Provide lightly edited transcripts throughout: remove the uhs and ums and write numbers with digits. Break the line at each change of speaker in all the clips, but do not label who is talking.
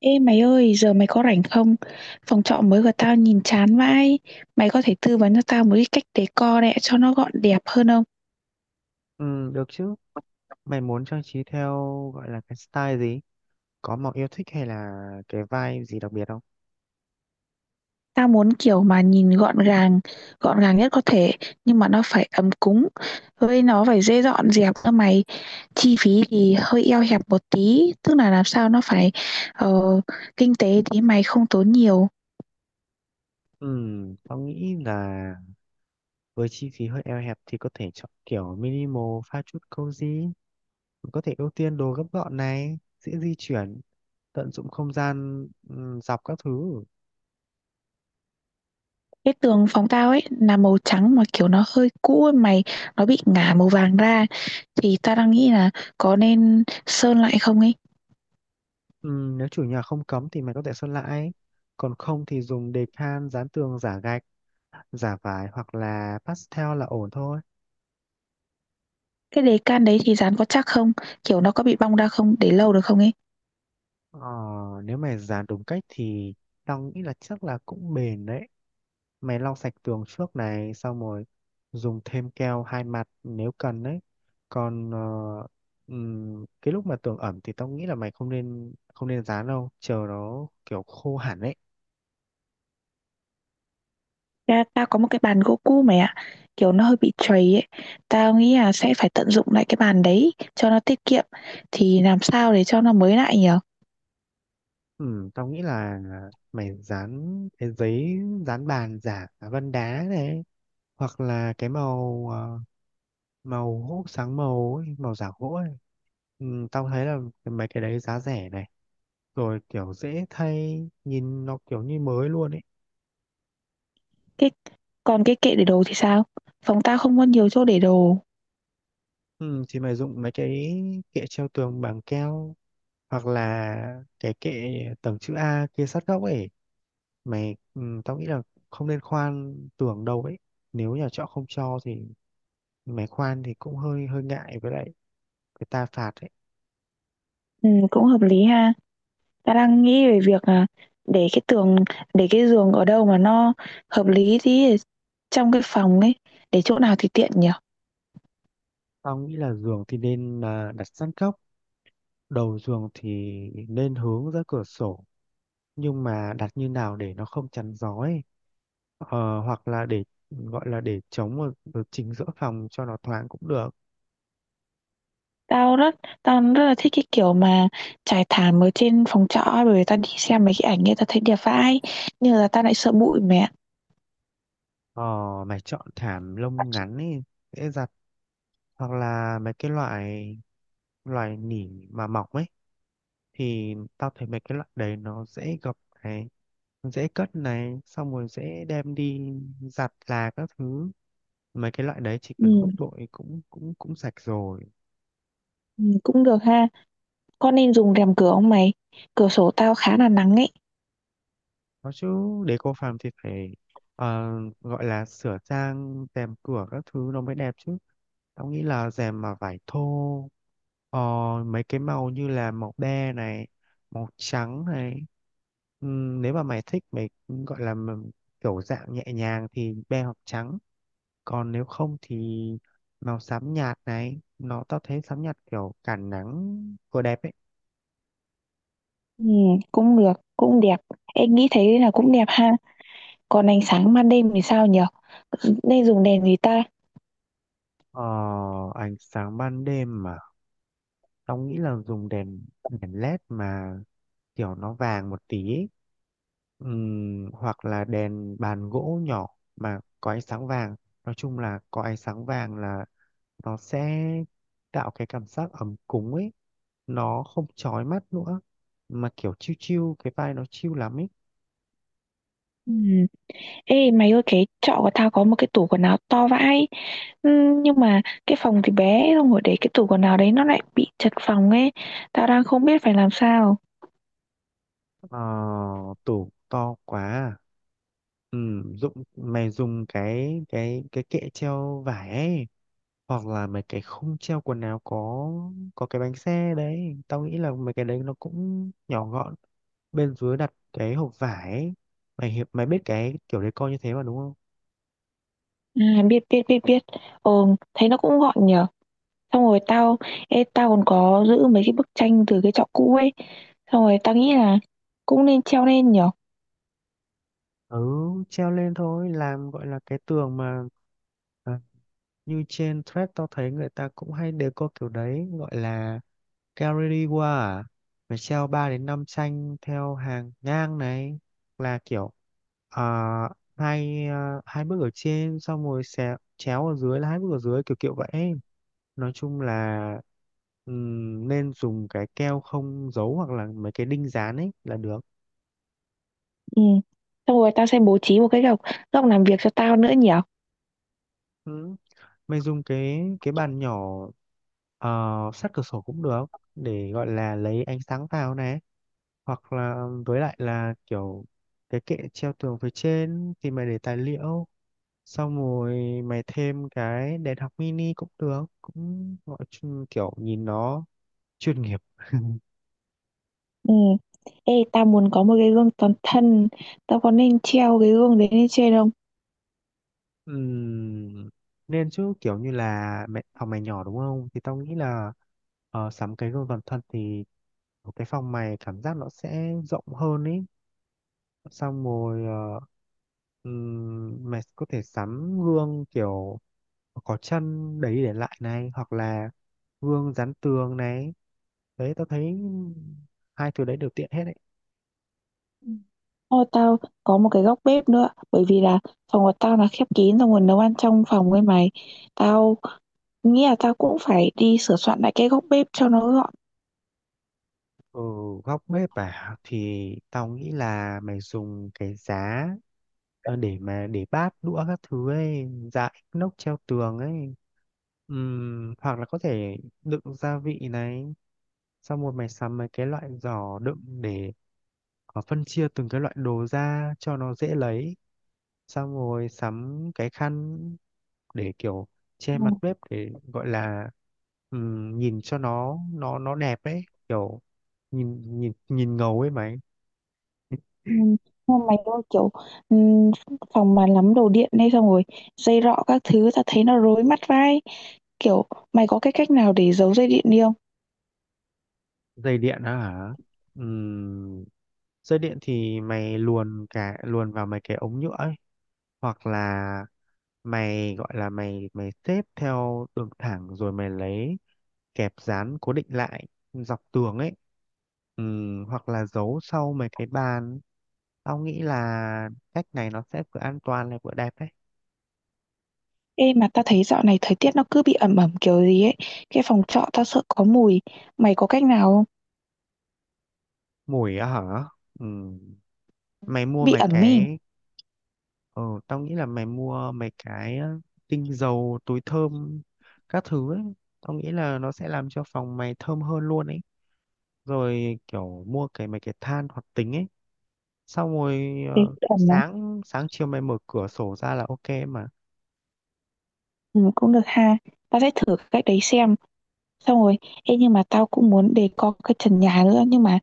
Ê mày ơi, giờ mày có rảnh không? Phòng trọ mới của tao nhìn chán vãi. Mày có thể tư vấn cho tao một cái cách decor đấy cho nó gọn đẹp hơn không?
Ừ, được chứ. Mày muốn trang trí theo gọi là cái style gì? Có màu yêu thích hay là cái vibe gì đặc biệt không?
Tao muốn kiểu mà nhìn gọn gàng nhất có thể, nhưng mà nó phải ấm cúng. Với nó phải dễ dọn dẹp cơ mày. Chi phí thì hơi eo hẹp một tí, tức là làm sao nó phải ờ, kinh tế tí mày không tốn nhiều.
Ừ, tao nghĩ là với chi phí hơi eo hẹp thì có thể chọn kiểu minimal pha chút cozy. Có thể ưu tiên đồ gấp gọn này, dễ di chuyển, tận dụng không gian dọc các thứ.
Cái tường phòng tao ấy là màu trắng mà kiểu nó hơi cũ ấy mày, nó bị ngả màu vàng ra, thì tao đang nghĩ là có nên sơn lại không ấy.
Ừ, nếu chủ nhà không cấm thì mày có thể sơn lại. Còn không thì dùng decal dán tường giả gạch, giả vải hoặc là pastel là ổn thôi.
Cái đề can đấy thì dán có chắc không, kiểu nó có bị bong ra không, để lâu được không ấy?
Ờ, nếu mày dàn đúng cách thì tao nghĩ là chắc là cũng bền đấy. Mày lau sạch tường trước này, xong rồi dùng thêm keo hai mặt nếu cần đấy. Còn cái lúc mà tường ẩm thì tao nghĩ là mày không nên dán đâu, chờ nó kiểu khô hẳn đấy.
Ra tao có một cái bàn gỗ cũ mày ạ, kiểu nó hơi bị trầy ấy. Tao nghĩ là sẽ phải tận dụng lại cái bàn đấy cho nó tiết kiệm, thì làm sao để cho nó mới lại nhở?
Ừ, tao nghĩ là mày dán cái giấy dán bàn giả vân đá này, hoặc là cái màu màu hút sáng màu ấy, màu giả gỗ ấy. Ừ, tao thấy là mấy cái đấy giá rẻ này, rồi kiểu dễ thay, nhìn nó kiểu như mới luôn ấy.
cái Còn cái kệ để đồ thì sao? Phòng tao không có nhiều chỗ để đồ.
Ừ, thì mày dùng mấy cái kệ treo tường bằng keo, hoặc là cái kệ tầng chữ A kia sát góc ấy mày. Ừ, Tao nghĩ là không nên khoan tường đâu ấy, nếu nhà trọ không cho thì mày khoan thì cũng hơi hơi ngại, với lại người ta phạt ấy.
Ừ, cũng hợp lý ha. Ta đang nghĩ về việc là để cái tường, để cái giường ở đâu mà nó hợp lý tí để trong cái phòng ấy, để chỗ nào thì tiện nhỉ?
Tao nghĩ là giường thì nên đặt sát góc, đầu giường thì nên hướng ra cửa sổ, nhưng mà đặt như nào để nó không chắn gió ấy. Hoặc là để gọi là để chống ở chính giữa phòng cho nó thoáng cũng được.
Tao rất tao rất là thích cái kiểu mà trải thảm ở trên phòng trọ ấy, bởi vì tao đi xem mấy cái ảnh ấy tao thấy đẹp vãi, nhưng là tao lại sợ bụi mẹ.
Ờ, mày chọn thảm lông ngắn ấy, dễ giặt, hoặc là mấy cái loại loại nỉ mà mỏng ấy, thì tao thấy mấy cái loại đấy nó dễ gập này, dễ cất này, xong rồi dễ đem đi giặt là các thứ. Mấy cái loại đấy chỉ cần hút
Ừ,
bụi cũng cũng cũng sạch rồi.
ừ, cũng được ha. Con nên dùng rèm cửa không mày? Cửa sổ tao khá là nắng ấy.
Có chứ, để cô phàm thì phải ờ, gọi là sửa sang rèm cửa các thứ nó mới đẹp chứ. Tao nghĩ là rèm mà vải thô, ờ, mấy cái màu như là màu be này, màu trắng này. Nếu mà mày thích mày gọi là mà kiểu dạng nhẹ nhàng thì be hoặc trắng. Còn nếu không thì màu xám nhạt này, nó tao thấy xám nhạt kiểu cản nắng vừa đẹp ấy.
Ừ, cũng được, cũng đẹp. Em nghĩ thấy là cũng đẹp ha. Còn ánh sáng ban đêm thì sao nhỉ? Nên dùng đèn gì ta?
Ờ, ánh sáng ban đêm mà. Tao nghĩ là dùng đèn đèn led mà kiểu nó vàng một tí ấy. Hoặc là đèn bàn gỗ nhỏ mà có ánh sáng vàng, nói chung là có ánh sáng vàng là nó sẽ tạo cái cảm giác ấm cúng ấy, nó không chói mắt nữa, mà kiểu chill chill, cái vai nó chill lắm ấy.
Ừ. Ê mày ơi, cái trọ của tao có một cái tủ quần áo to vãi. Nhưng mà cái phòng thì bé. Xong rồi để cái tủ quần áo đấy nó lại bị chật phòng ấy. Tao đang không biết phải làm sao.
Ờ, tủ to quá à? Dụng mày dùng cái kệ treo vải ấy, hoặc là mấy cái khung treo quần áo có cái bánh xe đấy. Tao nghĩ là mấy cái đấy nó cũng nhỏ gọn, bên dưới đặt cái hộp vải ấy. Mày biết cái kiểu decor như thế mà đúng không?
À, biết biết biết biết. Ờ thấy nó cũng gọn nhở. Xong rồi tao. Ê, tao còn có giữ mấy cái bức tranh từ cái trọ cũ ấy. Xong rồi tao nghĩ là cũng nên treo lên nhở.
Ừ, treo lên thôi, làm gọi là cái tường mà, à, như trên thread tao thấy người ta cũng hay decor kiểu đấy, gọi là Galleria à, phải treo 3 đến 5 tranh theo hàng ngang này, là kiểu à, hai bước ở trên, xong rồi xé, chéo ở dưới là hai bước ở dưới, kiểu kiểu vậy. Nói chung là nên dùng cái keo không dấu, hoặc là mấy cái đinh dán ấy là được.
Ừ. Xong rồi tao sẽ bố trí một cái góc, góc làm việc cho tao nữa nhở.
Ừ. Mày dùng cái bàn nhỏ, ờ, sát cửa sổ cũng được, để gọi là lấy ánh sáng vào này, hoặc là với lại là kiểu cái kệ treo tường phía trên thì mày để tài liệu, xong rồi mày thêm cái đèn học mini cũng được, kiểu nhìn nó chuyên nghiệp.
Ừ. Ê tao muốn có một cái gương toàn thân. Tao có nên treo cái gương đấy lên trên không?
Ừm, nên chứ, kiểu như là mẹ phòng mày nhỏ đúng không, thì tao nghĩ là sắm cái gương toàn thân thì cái phòng mày cảm giác nó sẽ rộng hơn ý. Xong rồi mày có thể sắm gương kiểu có chân đấy để lại này, hoặc là gương dán tường này, đấy tao thấy hai thứ đấy đều tiện hết đấy.
Ừ. Thôi tao có một cái góc bếp nữa, bởi vì là phòng của tao là khép kín, xong rồi nguồn nấu ăn trong phòng với mày. Tao nghĩ là tao cũng phải đi sửa soạn lại cái góc bếp cho nó gọn.
Ở góc bếp à, thì tao nghĩ là mày dùng cái giá, để mà để bát đũa các thứ ấy dại nóc treo tường ấy. Hoặc là có thể đựng gia vị này, xong rồi mày sắm mấy cái loại giỏ đựng để phân chia từng cái loại đồ ra cho nó dễ lấy, xong rồi sắm cái khăn để kiểu che mặt
Ừ.
bếp, để gọi là nhìn cho nó đẹp ấy, kiểu nhìn nhìn nhìn ngầu ấy mày.
Ừ. Nhưng mà mày ơi kiểu ừ, phòng mà lắm đồ điện đây, xong rồi dây rọ các thứ tao thấy nó rối mắt vai, kiểu mày có cái cách nào để giấu dây điện đi không?
Dây điện á hả? Ừm, dây điện thì mày luồn vào mấy cái ống nhựa ấy, hoặc là mày gọi là mày mày xếp theo đường thẳng rồi mày lấy kẹp dán cố định lại dọc tường ấy, ừ, hoặc là giấu sau mấy cái bàn. Tao nghĩ là cách này nó sẽ vừa an toàn lại vừa đẹp đấy.
Ê mà tao thấy dạo này thời tiết nó cứ bị ẩm ẩm kiểu gì ấy, cái phòng trọ tao sợ có mùi, mày có cách nào không?
Mùi á hả? Ừ. mày mua
Bị
mấy
ẩm ý.
cái ờ tao nghĩ là mày mua mấy cái tinh dầu, túi thơm các thứ ấy. Tao nghĩ là nó sẽ làm cho phòng mày thơm hơn luôn ấy, rồi kiểu mua mấy cái than hoạt tính ấy, xong rồi
Ê, ẩm mà.
sáng sáng chiều mày mở cửa sổ ra là ok mà.
Ừ, cũng được ha. Tao sẽ thử cách đấy xem. Xong rồi, ê nhưng mà tao cũng muốn đề co cái trần nhà nữa. Nhưng mà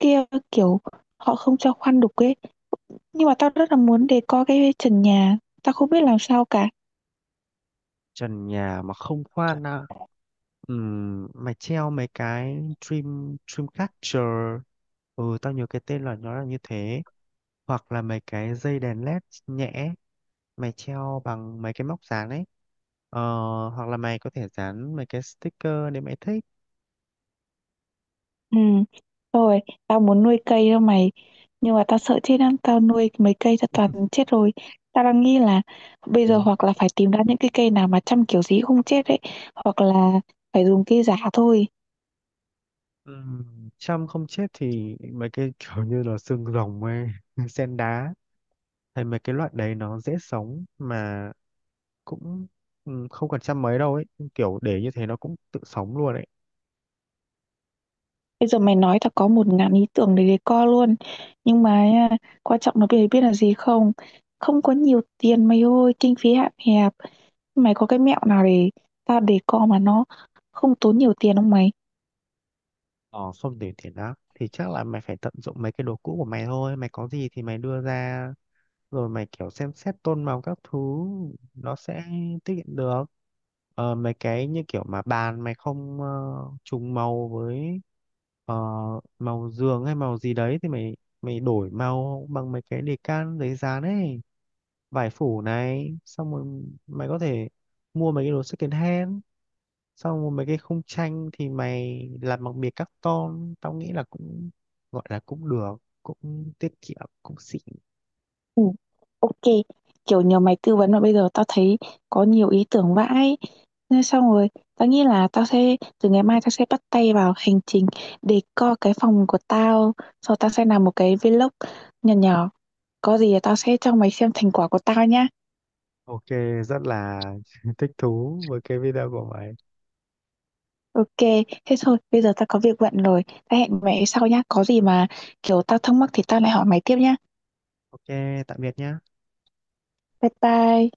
kia kiểu họ không cho khoan đục ấy. Nhưng mà tao rất là muốn đề co cái trần nhà. Tao không biết làm sao cả.
Trần nhà mà không khoan à? Mày treo mấy cái dreamcatcher, ừ tao nhớ cái tên là nó là như thế, hoặc là mấy cái dây đèn led nhẹ mày treo bằng mấy cái móc dán ấy, ờ, hoặc là mày có thể dán mấy cái sticker nếu mày thích.
Ừ. Rồi, tao muốn nuôi cây đâu mày. Nhưng mà tao sợ chết lắm. Tao nuôi mấy cây tao toàn chết rồi. Tao đang nghĩ là bây giờ
Ừ.
hoặc là phải tìm ra những cái cây nào mà chăm kiểu gì cũng không chết ấy. Hoặc là phải dùng cây giả thôi.
Chăm không chết thì mấy cái kiểu như là xương rồng ấy, sen đá, hay mấy cái loại đấy nó dễ sống mà cũng không cần chăm mấy đâu ấy, kiểu để như thế nó cũng tự sống luôn ấy.
Bây giờ mày nói tao có một ngàn ý tưởng để decor luôn. Nhưng mà nha, quan trọng là mày biết là gì không? Không có nhiều tiền mày ơi, kinh phí hạn hẹp. Mày có cái mẹo nào để tao decor mà nó không tốn nhiều tiền không mày?
Ờ không để tiền đó thì chắc là mày phải tận dụng mấy cái đồ cũ của mày thôi, mày có gì thì mày đưa ra, rồi mày kiểu xem xét tôn màu các thứ nó sẽ tiết kiệm được. Mấy cái như kiểu mà bàn mày không trùng màu với ờ, màu giường hay màu gì đấy, thì mày mày đổi màu bằng mấy cái đề can giấy dán ấy, vải phủ này, xong rồi mày có thể mua mấy cái đồ second hand, xong rồi mấy cái khung tranh thì mày làm bằng bìa carton, tao nghĩ là cũng gọi là cũng được, cũng tiết kiệm, cũng xịn.
Ừ, ok, kiểu nhờ mày tư vấn mà bây giờ tao thấy có nhiều ý tưởng vãi, nên xong rồi tao nghĩ là tao sẽ từ ngày mai tao sẽ bắt tay vào hành trình để co cái phòng của tao. Sau tao sẽ làm một cái vlog nhỏ nhỏ, có gì là tao sẽ cho mày xem thành quả của tao nhá.
Ok, rất là thích thú với cái video của mày.
Ok, thế thôi, bây giờ tao có việc bận rồi. Tao hẹn mày sau nhá, có gì mà kiểu tao thắc mắc thì tao lại hỏi mày tiếp nhá.
Ok, tạm biệt nhá.
Bye bye.